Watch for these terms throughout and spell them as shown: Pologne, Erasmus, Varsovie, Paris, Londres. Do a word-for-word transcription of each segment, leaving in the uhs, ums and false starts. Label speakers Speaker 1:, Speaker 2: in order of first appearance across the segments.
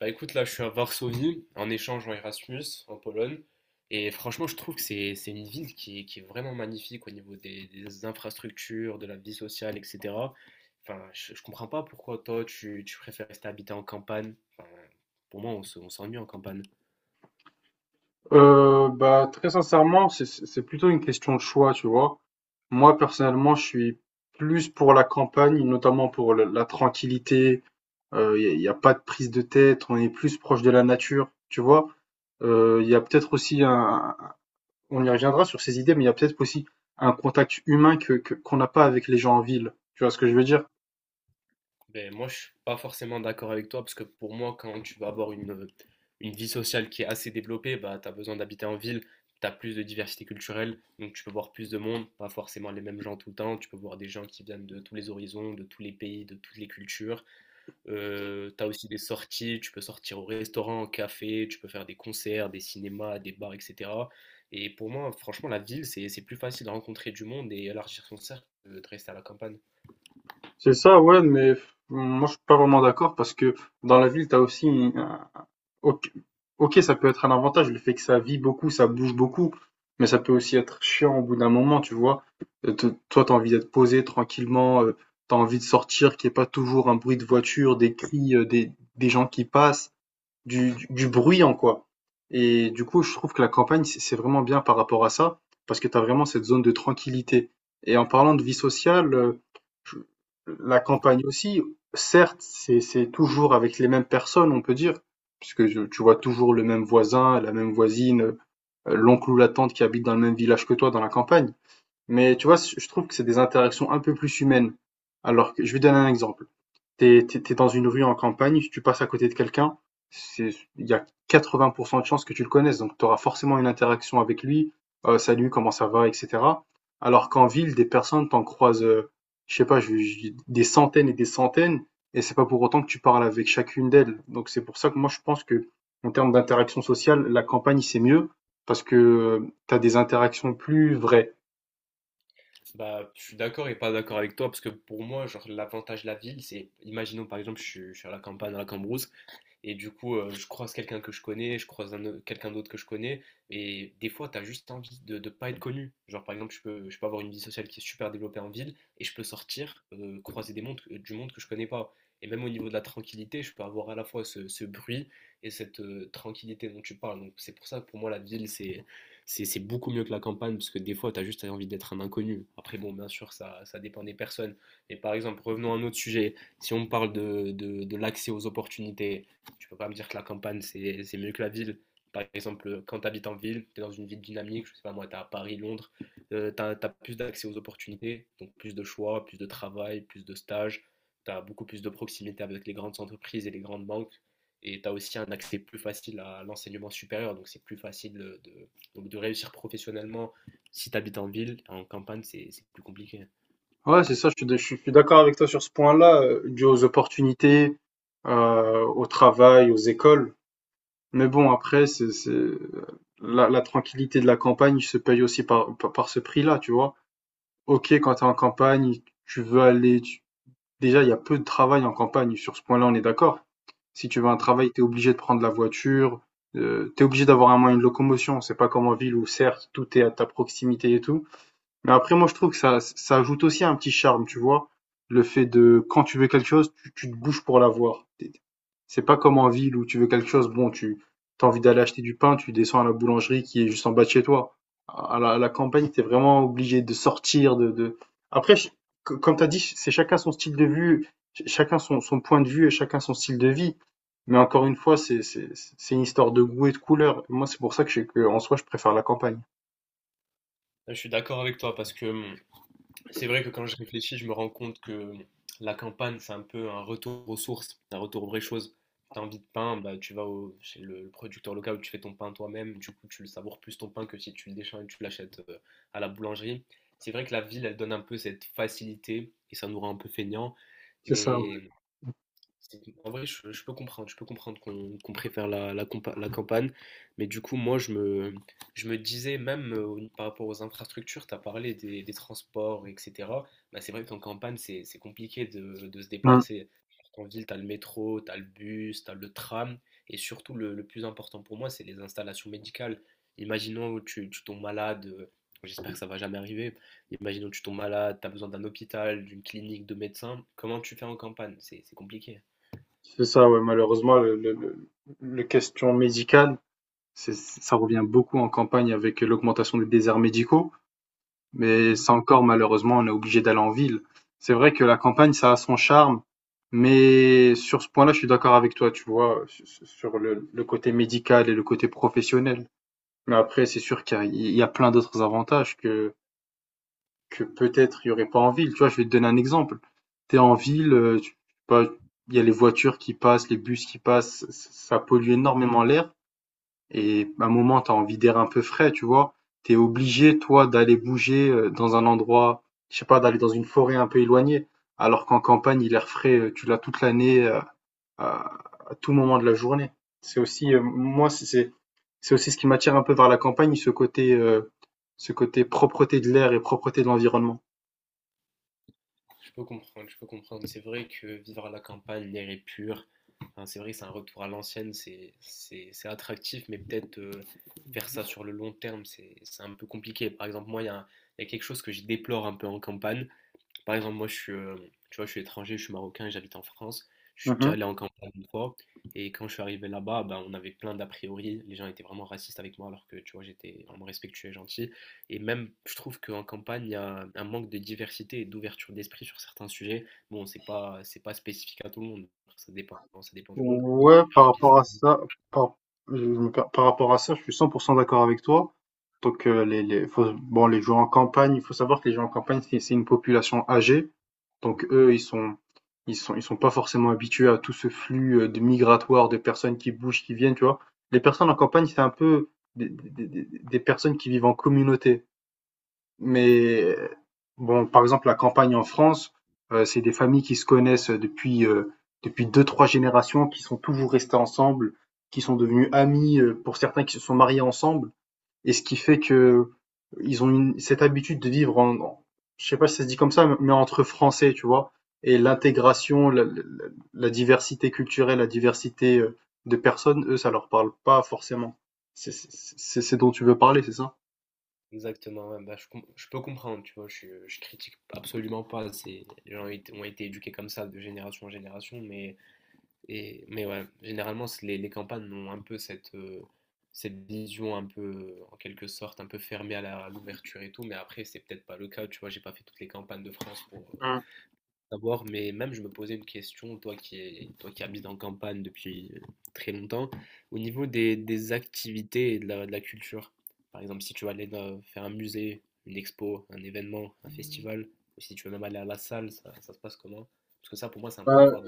Speaker 1: Bah écoute, là, je suis à Varsovie, en échange en Erasmus, en Pologne. Et franchement, je trouve que c'est c'est une ville qui, est- qui est vraiment magnifique au niveau des, des infrastructures, de la vie sociale, et cetera. Enfin, je, je comprends pas pourquoi toi, tu, tu préfères rester habiter en campagne. Enfin, pour moi, on se- on s'ennuie en campagne.
Speaker 2: Euh, bah, très sincèrement, c'est c'est- c'est plutôt une question de choix, tu vois. Moi, personnellement, je suis plus pour la campagne, notamment pour la, la tranquillité. Il n'y a, y a pas de prise de tête, on est plus proche de la nature, tu vois. Il y a peut-être aussi un, on y reviendra sur ces idées, mais il y a peut-être aussi un contact humain que, que- qu'on n'a pas avec les gens en ville. Tu vois ce que je veux dire?
Speaker 1: Ben, moi, je suis pas forcément d'accord avec toi parce que pour moi, quand tu vas avoir une, une vie sociale qui est assez développée, bah, tu as besoin d'habiter en ville, tu as plus de diversité culturelle, donc tu peux voir plus de monde, pas forcément les mêmes gens tout le temps, tu peux voir des gens qui viennent de tous les horizons, de tous les pays, de toutes les cultures. Euh, tu as aussi des sorties, tu peux sortir au restaurant, au café, tu peux faire des concerts, des cinémas, des bars, et cetera. Et pour moi, franchement, la ville, c'est c'est plus facile de rencontrer du monde et élargir son cercle que de rester à la campagne.
Speaker 2: C'est ça, ouais, mais f- moi, je suis pas vraiment d'accord parce que dans la ville, tu as aussi. Ok, ok, ça peut être un avantage, le fait que ça vit beaucoup, ça bouge beaucoup, mais ça peut aussi être chiant au bout d'un moment, tu vois. Euh, te- Toi, t'as envie d'être posé tranquillement, euh, t'as envie de sortir, qu'il n'y ait pas toujours un bruit de voiture, des cris, euh, des, des gens qui passent du, du, du bruyant, quoi. Et du coup, je trouve que la campagne, c'est c'est vraiment bien par rapport à ça, parce que tu as vraiment cette zone de tranquillité. Et en parlant de vie sociale, euh, je- la campagne aussi, certes, c'est c'est toujours avec les mêmes personnes, on peut dire, puisque je- tu vois toujours le même voisin, la même voisine, euh, l'oncle ou la tante qui habite dans le même village que toi dans la campagne. Mais tu vois, je je trouve que c'est des interactions un peu plus humaines. Alors que je vais donner un exemple. T'es, t'es, t'es dans une rue en campagne, tu passes à côté de quelqu'un, c'est, il y a quatre-vingts pour cent de chances que tu le connaisses, donc tu auras forcément une interaction avec lui, euh, salut, comment ça va, et cetera. Alors qu'en ville, des personnes t'en croisent, euh, je sais pas, je- je- des centaines et des centaines, et c'est pas pour autant que tu parles avec chacune d'elles. Donc c'est pour ça que moi je pense que, en termes d'interaction sociale, la campagne c'est mieux, parce que tu as des interactions plus vraies.
Speaker 1: Bah, je suis d'accord et pas d'accord avec toi parce que pour moi, genre, l'avantage de la ville, c'est, imaginons par exemple, je suis, je suis à la campagne, à la Cambrousse, et du coup, euh, je croise quelqu'un que je connais, je croise un au- quelqu'un d'autre que je connais. Et des fois, tu as juste envie de ne pas être connu. Genre, par exemple, je peux, je peux avoir une vie sociale qui est super développée en ville et je peux sortir, euh, croiser des mondes, du monde que je connais pas. Et même au niveau de la tranquillité, je peux avoir à la fois ce, ce bruit et cette euh, tranquillité dont tu parles. Donc, c'est pour ça que pour moi, la ville, c'est, c'est, c'est beaucoup mieux que la campagne parce que des fois, tu as juste envie d'être un inconnu. Après, bon, bien sûr, ça, ça dépend des personnes. Mais par exemple, revenons à un autre sujet. Si on parle de, de, de l'accès aux opportunités, tu peux pas me dire que la campagne, c'est c'est mieux que la ville. Par exemple, quand tu habites en ville, tu es dans une ville dynamique, je sais pas moi, tu es à Paris, Londres, tu as plus d'accès aux opportunités, donc plus de choix, plus de travail, plus de stages, tu as beaucoup plus de proximité avec les grandes entreprises et les grandes banques, et tu as aussi un accès plus facile à l'enseignement supérieur, donc c'est plus facile de, de- donc de réussir professionnellement si tu habites en ville, en campagne, c'est c'est plus compliqué.
Speaker 2: Ouais, c'est ça, je suis, d- je suis- je suis d'accord avec toi sur ce point-là, euh, dû aux opportunités, euh, au travail, aux écoles. Mais bon, après, c'est, c'est- la, la tranquillité de la campagne se paye aussi par, par, par ce prix-là, tu vois. Ok, quand t'es en campagne, tu veux aller... tu- Déjà, il y a peu de travail en campagne, sur ce point-là, on est d'accord. Si tu veux un
Speaker 1: Mhm.
Speaker 2: travail, t'es obligé de prendre la voiture, euh, t'es obligé d'avoir un moyen de locomotion. C'est pas comme en ville où, certes, tout est à ta proximité et tout. Mais après, moi, je trouve que ça, ça ajoute aussi un petit charme, tu vois. Le fait de, quand tu veux quelque chose, tu, tu te bouges pour l'avoir. T'es- C'est pas comme en ville où tu veux quelque chose, bon, tu as envie d'aller acheter du pain, tu descends à la boulangerie qui est juste en bas de chez toi. À la, à la campagne, t'es vraiment obligé de sortir, de, de... Après, je- c- comme t'as dit, c'est chacun son style de vue, ch- chacun son, son point de vue et chacun son style de vie. Mais encore une fois, c'est, c'est, c'est une histoire de goût et de couleur. Moi, c'est pour ça que, je- que en soi, je préfère la campagne.
Speaker 1: Je suis d'accord avec toi parce que hum, C'est vrai que quand je réfléchis, je me rends compte que bon, la campagne, c'est un peu un retour aux sources, un retour aux vraies choses. T'as envie de pain, bah, tu vas au- chez le, le producteur local où tu fais ton pain toi-même. Du coup, tu le savoures plus ton pain que si tu le déchets et tu l'achètes euh, à la boulangerie. C'est vrai que la ville, elle donne un peu cette facilité et ça nous rend un peu feignants.
Speaker 2: C'est ça,
Speaker 1: Mais c'est- En vrai, je, je peux comprendre, je peux comprendre qu'on qu'on préfère la, la, compa- la campagne, mais du coup, moi, je me, je me disais, même euh, au- par rapport aux infrastructures, tu as parlé des, des transports, et cetera. Bah, c'est vrai qu'en campagne, c'est, c'est compliqué de, de se
Speaker 2: ouais.
Speaker 1: déplacer. En ville, tu as le métro, tu as le bus, tu as le tram, et surtout, le, le plus important pour moi, c'est les installations médicales. Imaginons tu, tu tombes malade, euh, j'espère que ça va jamais arriver, imaginons tu tombes malade, tu as besoin d'un hôpital, d'une clinique, de médecins, comment tu fais en campagne? C'est c'est compliqué, hein.
Speaker 2: C'est ça, ouais, malheureusement, le, le, le- le question médicale, c'est, ça revient beaucoup en campagne avec l'augmentation des déserts médicaux, mais
Speaker 1: Mhm.
Speaker 2: ça encore, malheureusement, on est obligé d'aller en ville. C'est vrai que la campagne, ça a son charme, mais sur ce point-là, je suis d'accord avec toi, tu vois, sur sur le, le côté médical et le côté professionnel. Mais après, c'est sûr qu'il y a, il y a plein d'autres avantages que, que peut-être il y aurait pas en ville. Tu vois, je vais te donner un exemple. Tu es en ville, euh, tu- je sais pas, il y a les voitures qui passent, les bus qui passent, ça ça pollue
Speaker 1: Mhm.
Speaker 2: énormément l'air. Et à un moment, tu as envie d'air un peu frais, tu vois. Tu es obligé, toi, d'aller bouger euh, dans un endroit, je sais pas, d'aller dans une forêt un peu éloignée. Alors qu'en campagne, l'air frais, euh, tu l'as toute l'année, euh, à, à tout moment de la journée. C'est aussi, euh, moi, c'est c'est- c'est aussi ce qui m'attire un peu vers la campagne, ce côté, euh, ce côté propreté de l'air et propreté de l'environnement.
Speaker 1: Je peux comprendre, je peux comprendre. C'est vrai que vivre à la campagne, l'air est pur. Enfin, c'est vrai que c'est un retour à l'ancienne, c'est, c'est, c'est attractif, mais peut-être euh, faire ça sur le long terme, c'est, c'est un peu compliqué. Par exemple, moi, il y a, un- il y a quelque chose que je déplore un peu en campagne. Par exemple, moi, je suis, euh, tu vois, je suis étranger, je suis marocain, j'habite en France. Je suis déjà
Speaker 2: Mmh.
Speaker 1: allé en campagne une fois. Et quand je suis arrivé là-bas, ben, on avait plein d'a priori. Les gens étaient vraiment racistes avec moi, alors que, tu vois, j'étais vraiment respectueux et gentil. Et même, je trouve qu'en campagne, il y a un manque de diversité et d'ouverture d'esprit sur certains sujets. Bon, c'est pas, c'est pas, spécifique à tout le monde. Ça dépend, ça dépend du monde.
Speaker 2: Ouais, par rapport à ça, par je me per par rapport à ça, je suis cent pour cent d'accord avec toi. Donc, heu, les les faut bon, les gens en campagne, il faut savoir que les gens en campagne, c'est c'est une population âgée. Donc eux, ils sont ils sont ils sont pas forcément habitués à tout ce flux, heu, de migratoire, de personnes qui bougent, qui viennent, tu vois? Les personnes en campagne, c'est un peu des des des des personnes qui vivent en communauté. Mais euh, bon, par exemple, la campagne en France, euh, c'est des familles qui se connaissent depuis euh, depuis deux, trois générations, qui sont toujours restées ensemble, qui sont devenues amies, euh, pour certains qui se sont mariés ensemble, et ce qui fait que ils ont une, cette habitude de vivre en, en- je sais pas si ça se dit comme ça, mais entre Français, tu vois, et l'intégration, la, la- la diversité culturelle, la diversité euh, de personnes, eux, ça leur parle pas forcément. C'est c'est- c'est- c'est ce dont tu veux parler, c'est ça?
Speaker 1: Exactement, ouais, bah, je, com- je peux comprendre, tu vois, je, je critique absolument pas. C'est, les gens ont été ont été éduqués comme ça de génération en génération, mais Et, mais ouais, généralement, c'est- les, les campagnes ont un peu cette, euh, cette vision un peu, euh, en quelque sorte, un peu fermée à la- à l'ouverture et tout. Mais après, c'est peut-être pas le cas. Tu vois, j'ai pas fait toutes les campagnes de France pour euh, savoir. Mais même, je me posais une question, toi qui, es- toi qui habites en campagne depuis euh, très longtemps, au niveau des, des activités et de la, de la culture. Par exemple, si tu vas aller dans- faire un musée, une expo, un événement, un festival, ou si tu veux même aller à la salle, ça, ça se passe comment? Parce que ça, pour moi, c'est un point
Speaker 2: Hum.
Speaker 1: fort.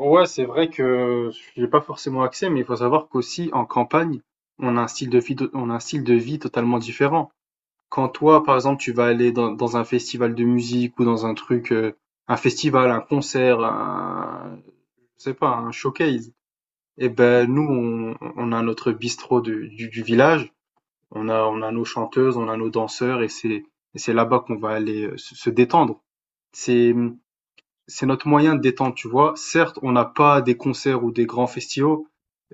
Speaker 2: Ouais, c'est vrai que j'ai pas forcément accès, mais il faut savoir qu'aussi en campagne, on a un style de vie, on a un style de vie totalement différent. Quand toi, par exemple, tu vas aller dans, dans un festival de musique ou dans un truc, euh, un festival, un concert, un, je sais pas, un showcase, eh ben nous, on, on a notre bistrot de- du, du village, on a, on a nos chanteuses, on a nos danseurs, et c'est, et c'est là-bas qu'on va aller euh, se se détendre. C'est notre moyen de détente, tu vois. Certes, on n'a pas des concerts ou des grands festivals,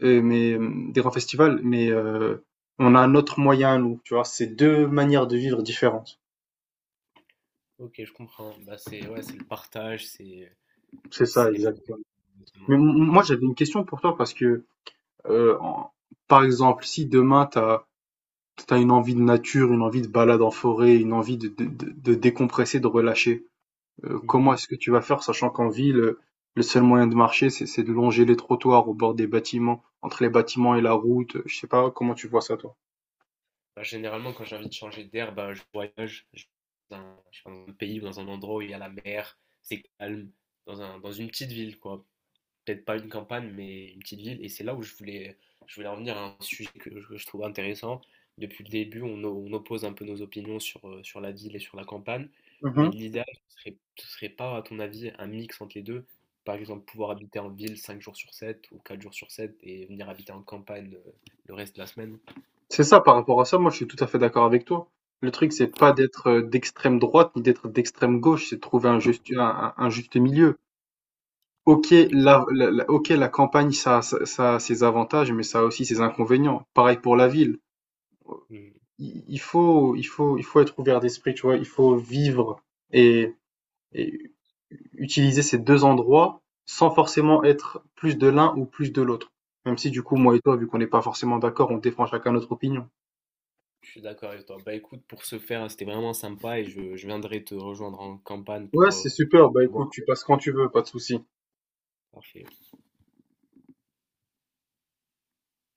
Speaker 2: euh, mais euh, des grands festivals, mais euh, on a notre moyen, nous, tu vois. C'est deux manières de vivre différentes.
Speaker 1: Ok, je comprends. Bah, c'est ouais, c'est le partage, c'est
Speaker 2: C'est ça,
Speaker 1: c'est les mêmes.
Speaker 2: exactement. Mais
Speaker 1: Exactement.
Speaker 2: m-
Speaker 1: Ok.
Speaker 2: moi, j'avais une question pour toi parce que, euh, en- par exemple, si demain t'as t'as une envie de nature, une envie de balade en forêt, une envie de, de, de, de décompresser, de relâcher, euh, comment
Speaker 1: Mhm.
Speaker 2: est-ce que tu vas faire, sachant qu'en ville, euh, le seul moyen de marcher, c'est c'est de longer les trottoirs au bord des bâtiments, entre les bâtiments et la route. euh, Je sais pas comment tu vois ça, toi.
Speaker 1: Bah, généralement, quand j'ai envie de changer d'air, bah, je voyage. Je vais dans un, je sais pas, dans un pays ou dans un endroit où il y a la mer, c'est calme, dans un, dans une petite ville, quoi. Peut-être pas une campagne, mais une petite ville. Et c'est là où je voulais, je voulais en venir à un sujet que je, que je trouve intéressant. Depuis le début, on, o- on oppose un peu nos opinions sur, euh, sur la ville et sur la campagne. Mais
Speaker 2: Mhm.
Speaker 1: l'idéal, ce serait, ce serait pas, à ton avis, un mix entre les deux? Par exemple, pouvoir habiter en ville cinq jours sur sept ou quatre jours sur sept et venir habiter en campagne euh, le reste de la semaine.
Speaker 2: C'est ça, par rapport à ça, moi je suis tout à fait d'accord avec toi. Le truc, c'est pas d'être euh, d'extrême droite ni d'être d'extrême gauche, c'est de trouver un juste, un, un- un juste milieu. Ok,
Speaker 1: Exact.
Speaker 2: la, la- la- ok, la campagne, ça, ça, ça a ses avantages, mais ça a aussi ses inconvénients. Pareil pour la ville.
Speaker 1: Mm.
Speaker 2: Il, il faut, il faut, il faut être ouvert d'esprit, tu vois. Il faut vivre et, et utiliser ces deux endroits sans forcément être plus de l'un ou plus de l'autre. Même si du coup, moi et toi, vu qu'on n'est pas forcément d'accord, on défend chacun notre opinion.
Speaker 1: Je suis d'accord avec toi. Bah écoute, pour ce faire, c'était vraiment sympa et je, je viendrai te rejoindre en campagne
Speaker 2: Ouais,
Speaker 1: pour
Speaker 2: c'est
Speaker 1: euh,
Speaker 2: super. Bah écoute,
Speaker 1: voir.
Speaker 2: tu passes quand tu veux, pas de souci.
Speaker 1: Parfait.